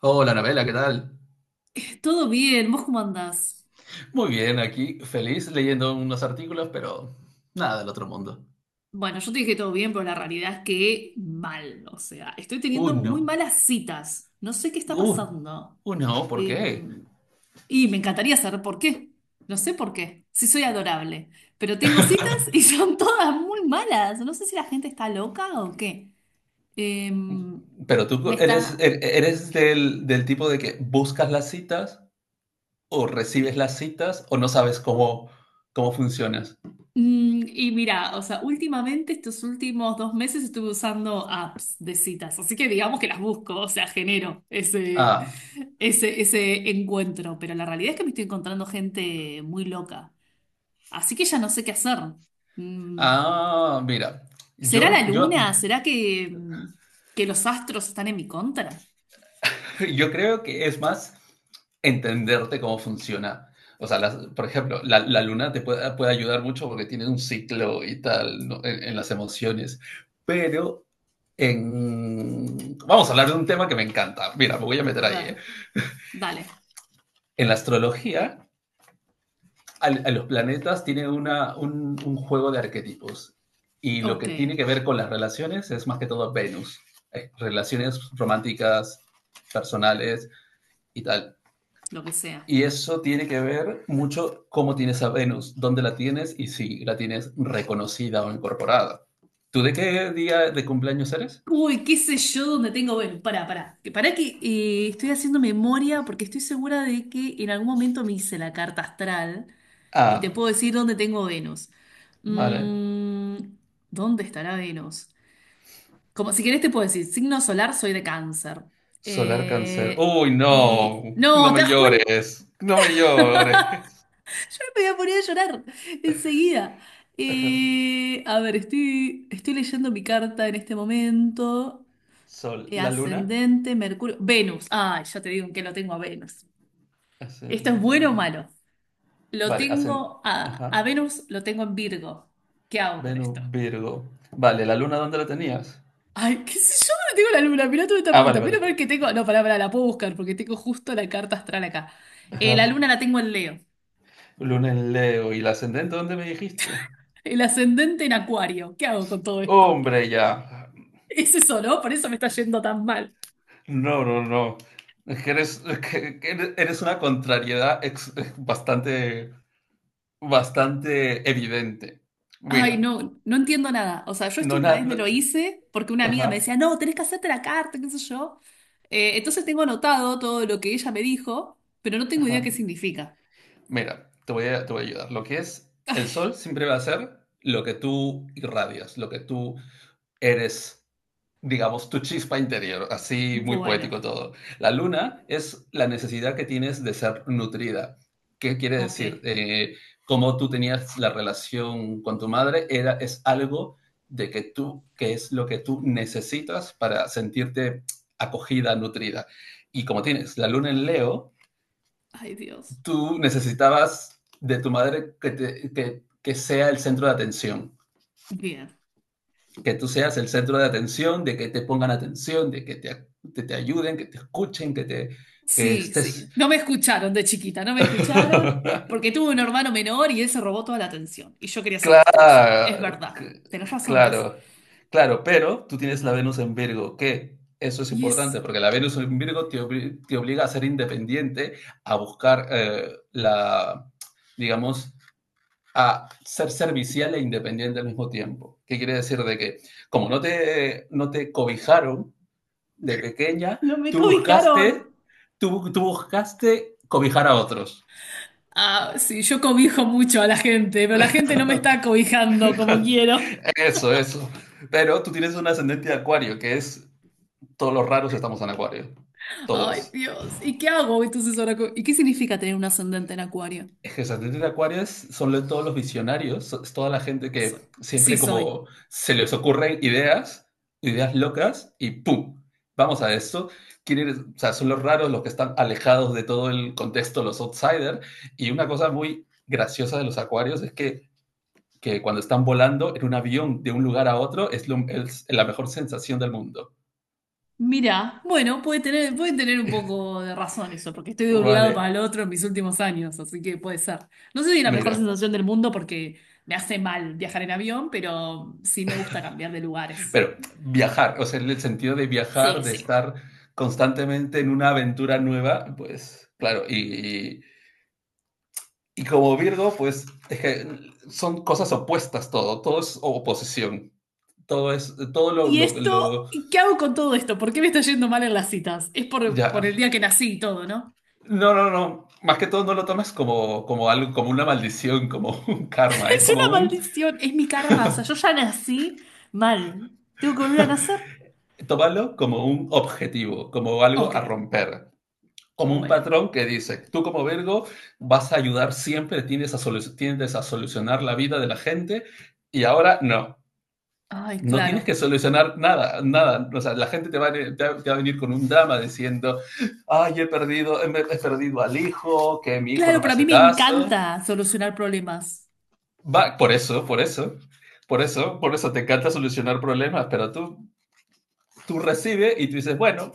Hola, Anabela, ¿qué tal? Todo bien, ¿vos cómo andás? Muy bien, aquí feliz leyendo unos artículos, pero nada del otro mundo. Bueno, yo te dije todo bien, pero la realidad es que mal, o sea, estoy teniendo Uno. muy malas citas, no sé qué está Uh, pasando. uno, ¿por Eh, qué? y me encantaría saber por qué, no sé por qué, si soy adorable, pero tengo citas y son todas muy malas, no sé si la gente está loca o qué. Eh, Pero me tú eres, está... eres del tipo de que buscas las citas o recibes las citas o no sabes cómo, cómo funcionas. Mm, y mira, o sea, últimamente, estos últimos dos meses estuve usando apps de citas, así que digamos que las busco, o sea, genero ese, Ah, ese, ese encuentro, pero la realidad es que me estoy encontrando gente muy loca, así que ya no sé qué hacer. Mm, ah, mira, ¿será la yo, yo, luna? ¿Será que, que los astros están en mi contra? Yo creo que es más entenderte cómo funciona. O sea, por ejemplo, la luna te puede, puede ayudar mucho porque tiene un ciclo y tal, ¿no? En las emociones. Pero en... Vamos a hablar de un tema que me encanta. Mira, me voy a meter A ahí, ver, ¿eh? dale, En la astrología, a los planetas tienen una, un juego de arquetipos. Y lo ok, que tiene que ver con las relaciones es más que todo Venus. Relaciones románticas, personales y tal. lo que sea. Y eso tiene que ver mucho cómo tienes a Venus, dónde la tienes y si la tienes reconocida o incorporada. ¿Tú de qué día de cumpleaños eres? Uy, qué sé yo dónde tengo. Bueno, pará. Pará que estoy haciendo memoria porque estoy segura de que en algún momento me hice la carta astral y te Ah, puedo decir dónde tengo Venus. vale. Mm, ¿dónde estará Venus? Como si querés te puedo decir, signo solar soy de cáncer. Solar Cáncer. Eh, Uy, no, no No, ¿te me das cuenta? llores, no me Yo no llores. me voy a poner a llorar enseguida. A ver, estoy leyendo mi carta en este momento. Sol, la luna. Ascendente, Mercurio, Venus. Ay, ya te digo que lo tengo a Venus. ¿Esto es bueno o Ascenden- malo? Lo Vale, ascend... tengo Ajá. a Venus, lo tengo en Virgo. ¿Qué hago con Venus, esto? Virgo. Vale, ¿la luna dónde la tenías? Ay, qué sé yo, no tengo la luna. Mirá toda esta Ah, pregunta. vale, Menos vale. mal que tengo. No, pará, la puedo buscar porque tengo justo la carta astral acá. La Ajá. luna la tengo en Leo. Luna en Leo. ¿Y la ascendente dónde me dijiste? El ascendente en Acuario. ¿Qué hago con todo esto? Hombre, ya. Es eso, ¿no? Por eso me está yendo tan mal. No, no, no. Es que eres, que eres una contrariedad bastante, bastante evidente. Ay, Mira, no, no entiendo nada. O sea, yo esto no, una vez me no-, lo hice porque una amiga me ajá, decía, no, tenés que hacerte la carta, qué sé yo. Entonces tengo anotado todo lo que ella me dijo, pero no tengo idea qué ajá. significa. Mira, te voy a ayudar. Lo que es el sol siempre va a ser lo que tú irradias, lo que tú eres, digamos, tu chispa interior, así muy Bueno, poético todo. La luna es la necesidad que tienes de ser nutrida. ¿Qué quiere ok. decir? Como tú tenías la relación con tu madre, era, es algo de que tú, que es lo que tú necesitas para sentirte acogida, nutrida. Y como tienes la luna en Leo, Ay, Dios. tú necesitabas de tu madre que, te, que sea el centro de atención, Bien. que tú seas el centro de atención, de que te pongan atención, de que te ayuden, que te escuchen, que, te, que Sí, estés... sí. No me escucharon de chiquita, no me escucharon porque tuve un hermano menor y él se robó toda la atención y yo quería ser la estrella. Es claro, verdad. Tenés razón, ¿ves? claro, claro, pero tú tienes la Venus en Virgo, que eso es Y es... importante, porque la Venus en Virgo te, obli te obliga a ser independiente, a buscar la, digamos, a ser servicial e independiente al mismo tiempo. ¿Qué quiere decir de que como no te, no te cobijaron, de pequeña, No me tú buscaste, cobijaron. tú buscaste cobijar a otros. Ah, sí, yo cobijo mucho a la gente, pero la gente no me está cobijando como quiero. eso, eso. Pero tú tienes un ascendente de acuario, que es, todos los raros estamos en acuario, Ay, todos. Dios. ¿Y qué hago entonces ahora? ¿Y qué significa tener un ascendente en Acuario? Es que los ascendentes de acuario son todos los visionarios, es toda la gente Soy. que Sí, siempre soy. como se les ocurren ideas, ideas locas, y ¡pum! Vamos a esto. Quieren- o sea, son los raros los que están alejados de todo el contexto, los outsiders. Y una cosa muy graciosa de los acuarios es que cuando están volando en un avión de un lugar a otro es, lo, es la mejor sensación del mundo. Mira, bueno, puede tener un poco de razón eso, porque estoy de un lado para Vale, el otro en mis últimos años, así que puede ser. No sé si es la mejor mira, sensación del mundo porque me hace mal viajar en avión, pero sí me gusta cambiar de lugares. pero viajar, o sea, en el sentido de viajar, Sí, de sí. estar constantemente en una aventura nueva, pues claro, y, como Virgo, pues es que son cosas opuestas todo, todo es oposición, todo es, todo Y esto, lo ¿qué hago con todo esto? ¿Por qué me está yendo mal en las citas? Es por ya, el día que nací y todo, ¿no? no, no, no, más que todo no lo tomes como, como algo, como una maldición, como un karma, es ¿eh? Es Como una un, maldición, es mi karma. O sea, yo ya nací mal. ¿Tengo que volver a nacer? tómalo como un objetivo, como algo Ok, a romper, como un bueno. patrón que dice, tú como Virgo vas a ayudar siempre, tiendes a, tiendes a solucionar la vida de la gente y ahora no. Ay, No tienes claro. que solucionar nada, nada. O sea, la gente te va, a, te va a venir con un drama diciendo, ay, he perdido, he perdido al hijo, que mi hijo Claro, no me pero a mí hace me caso. encanta solucionar problemas. Va, por eso, por eso, por eso, por eso te encanta solucionar problemas, pero tú recibes y tú dices, bueno,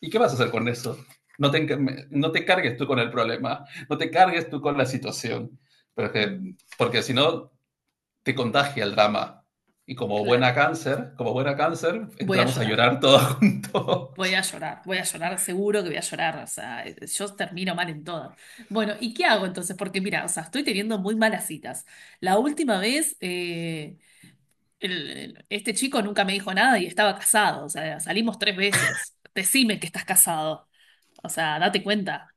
¿y qué vas a hacer con eso? No te, no te cargues tú con el problema, no te cargues tú con la situación, pero que, Mm, porque si no te contagia el drama. Y claro. Como buena cáncer, Voy a entramos a llorar. llorar todos juntos. Voy a llorar. Voy a llorar, seguro que voy a llorar. O sea, yo termino mal en todo. Bueno, ¿y qué hago entonces? Porque mira, o sea, estoy teniendo muy malas citas. La última vez... eh, este chico nunca me dijo nada y estaba casado, o sea, salimos tres veces. Decime que estás casado, o sea, date cuenta.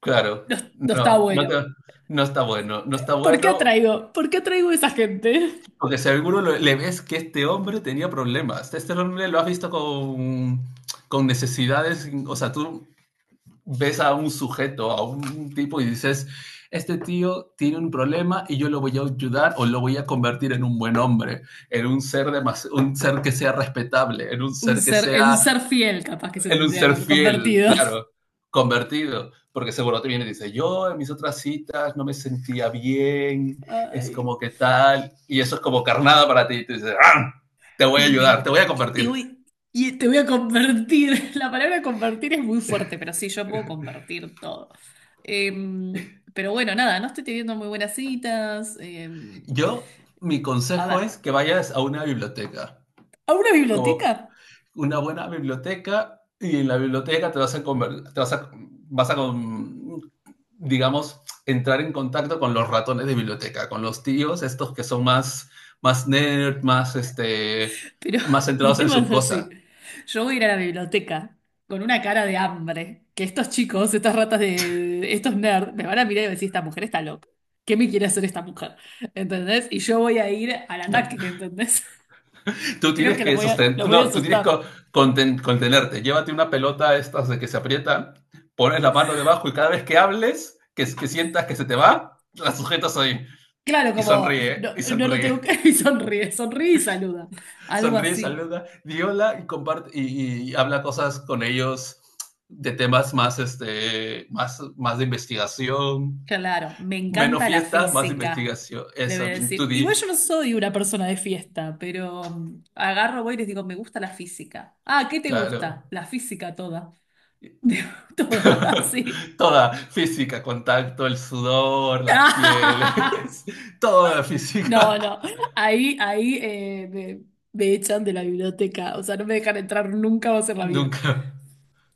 Claro, No, no está no, no, te, bueno. no está bueno, no está ¿Por qué bueno, atraigo? ¿Por qué atraigo a esa gente? porque seguro le ves que este hombre tenía problemas. Este hombre lo has visto con necesidades, o sea, tú ves a un sujeto, a un tipo y dices, este tío tiene un problema y yo lo voy a ayudar o lo voy a convertir en un buen hombre, en un ser, de más, un ser que sea respetable, en un Un ser que ser, en un sea, ser fiel, capaz que se en un tendría que ser haber fiel, convertido. claro, convertido. Porque seguro te viene y dice, yo en mis otras citas no me sentía bien, es Ay, como que tal, y eso es como carnada para ti, y te dices, ¡ah! Te voy a ayudar, me- te voy a te convertir. voy, y te voy a convertir. La palabra convertir es muy fuerte, pero sí, yo puedo convertir todo. Em, pero bueno, nada, no estoy teniendo muy buenas citas. Yo, mi A consejo ver, es que vayas a una biblioteca, ¿a una como biblioteca? una buena biblioteca, y en la biblioteca te vas a, te vas a, vas a digamos, entrar en contacto con los ratones de biblioteca, con los tíos, estos que son más, más nerd, más, este, Pero más el centrados en tema sus es así. cosas. Yo voy a ir a la biblioteca con una cara de hambre, que estos chicos, estos nerds, me van a mirar y van a decir, esta mujer está loca. ¿Qué me quiere hacer esta mujer? ¿Entendés? Y yo voy a ir al ataque, ¿entendés? Tú Creo tienes que que sostener, los voy a no, tú tienes que asustar. Contenerte. Llévate una pelota estas de que se aprieta, pones la mano debajo y cada vez que hables, que sientas que se te va, la sujetas ahí Claro, y como, sonríe, no, y no lo tengo sonríe. que... Y sonríe, sonríe y saluda. Algo Sonríe, así. saluda, di hola y comparte y habla cosas con ellos de temas más, este, más, más de investigación, Claro, me menos encanta la fiesta, más física, investigación. le voy a Eso, bien, tú decir. Igual di, yo no soy una persona de fiesta, pero mm, agarro, voy y les digo, me gusta la física. Ah, ¿qué te claro. gusta? La física toda. Digo, toda, así. Toda física, contacto, el sudor, las pieles, toda la No, física. no, ahí me echan de la biblioteca, o sea, no me dejan entrar nunca más en la vida. Nunca.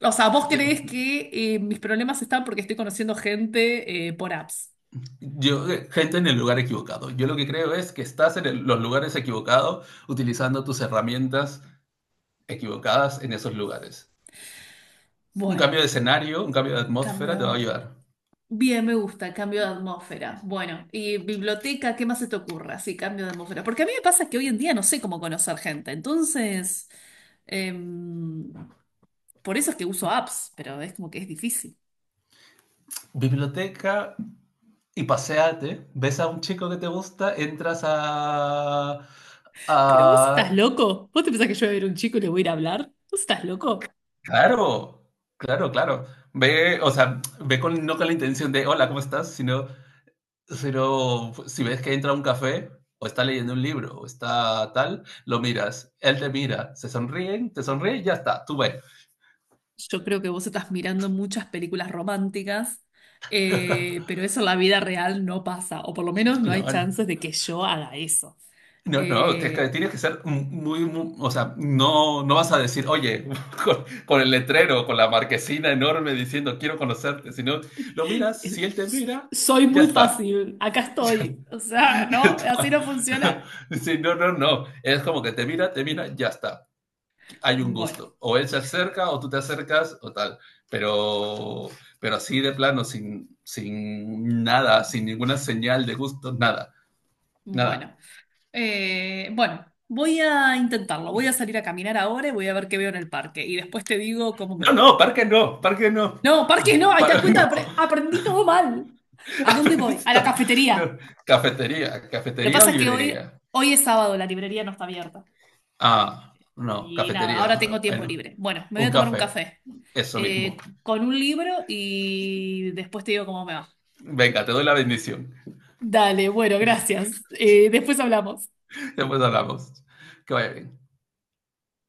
O sea, ¿vos creés que mis problemas están porque estoy conociendo gente por apps? Yo, gente en el lugar equivocado. Yo lo que creo es que estás en los lugares equivocados utilizando tus herramientas equivocadas en esos lugares. Un Bueno, cambio de escenario, un cambio de atmósfera te va a cambio. ayudar. Bien, me gusta, cambio de atmósfera. Bueno, y biblioteca, ¿qué más se te ocurra? Sí, cambio de atmósfera. Porque a mí me pasa que hoy en día no sé cómo conocer gente. Entonces, em, por eso es que uso apps, pero es como que es difícil. Biblioteca y paseate, ves a un chico que te gusta, entras Pero vos estás a... loco. ¿Vos te pensás que yo voy a ver a un chico y le voy a ir a hablar? ¿Vos estás loco? Claro, claro, claro. Ve, o sea, ve con, no con la intención de, hola, ¿cómo estás? Sino, sino si ves que entra a un café, o está leyendo un libro, o está tal, lo miras, él te mira, se sonríen, te sonríe y ya está, tú ves. Yo creo que vos estás mirando muchas películas románticas, pero eso en la vida real no pasa, o por lo menos no hay No, no, chances de que yo haga eso. no, no, Eh, tienes que ser muy, o sea, no, no vas a decir, oye, con el letrero, con la marquesina enorme diciendo, quiero conocerte, sino lo miras, si él te mira, Soy ya muy está. fácil, acá estoy. O sea, no, así no funciona. Sí, no, no, no, es como que te mira, ya está, hay un Bueno, gusto. O él se acerca, o tú te acercas, o tal, pero, pero así de plano, sin, sin nada, sin ninguna señal de gusto, nada, nada. bueno. Bueno, voy a intentarlo. Voy a salir a caminar ahora y voy a ver qué veo en el parque. Y después te digo cómo me No, va. no, parque no, parque no. No, parque no, ahí te das Par- cuenta, aprendí todo mal. ¿A dónde voy? A la No, cafetería. cafetería, Lo que cafetería o pasa es que librería. hoy, hoy es sábado, la librería no está abierta. Ah, no, Y nada, cafetería. ahora tengo Ah, tiempo bueno, libre. Bueno, me voy a un tomar un café, café eso eh, mismo. con un libro y después te digo cómo me va. Venga, te doy la bendición. Dale, bueno, gracias. Después hablamos. Después hablamos. Que vaya bien.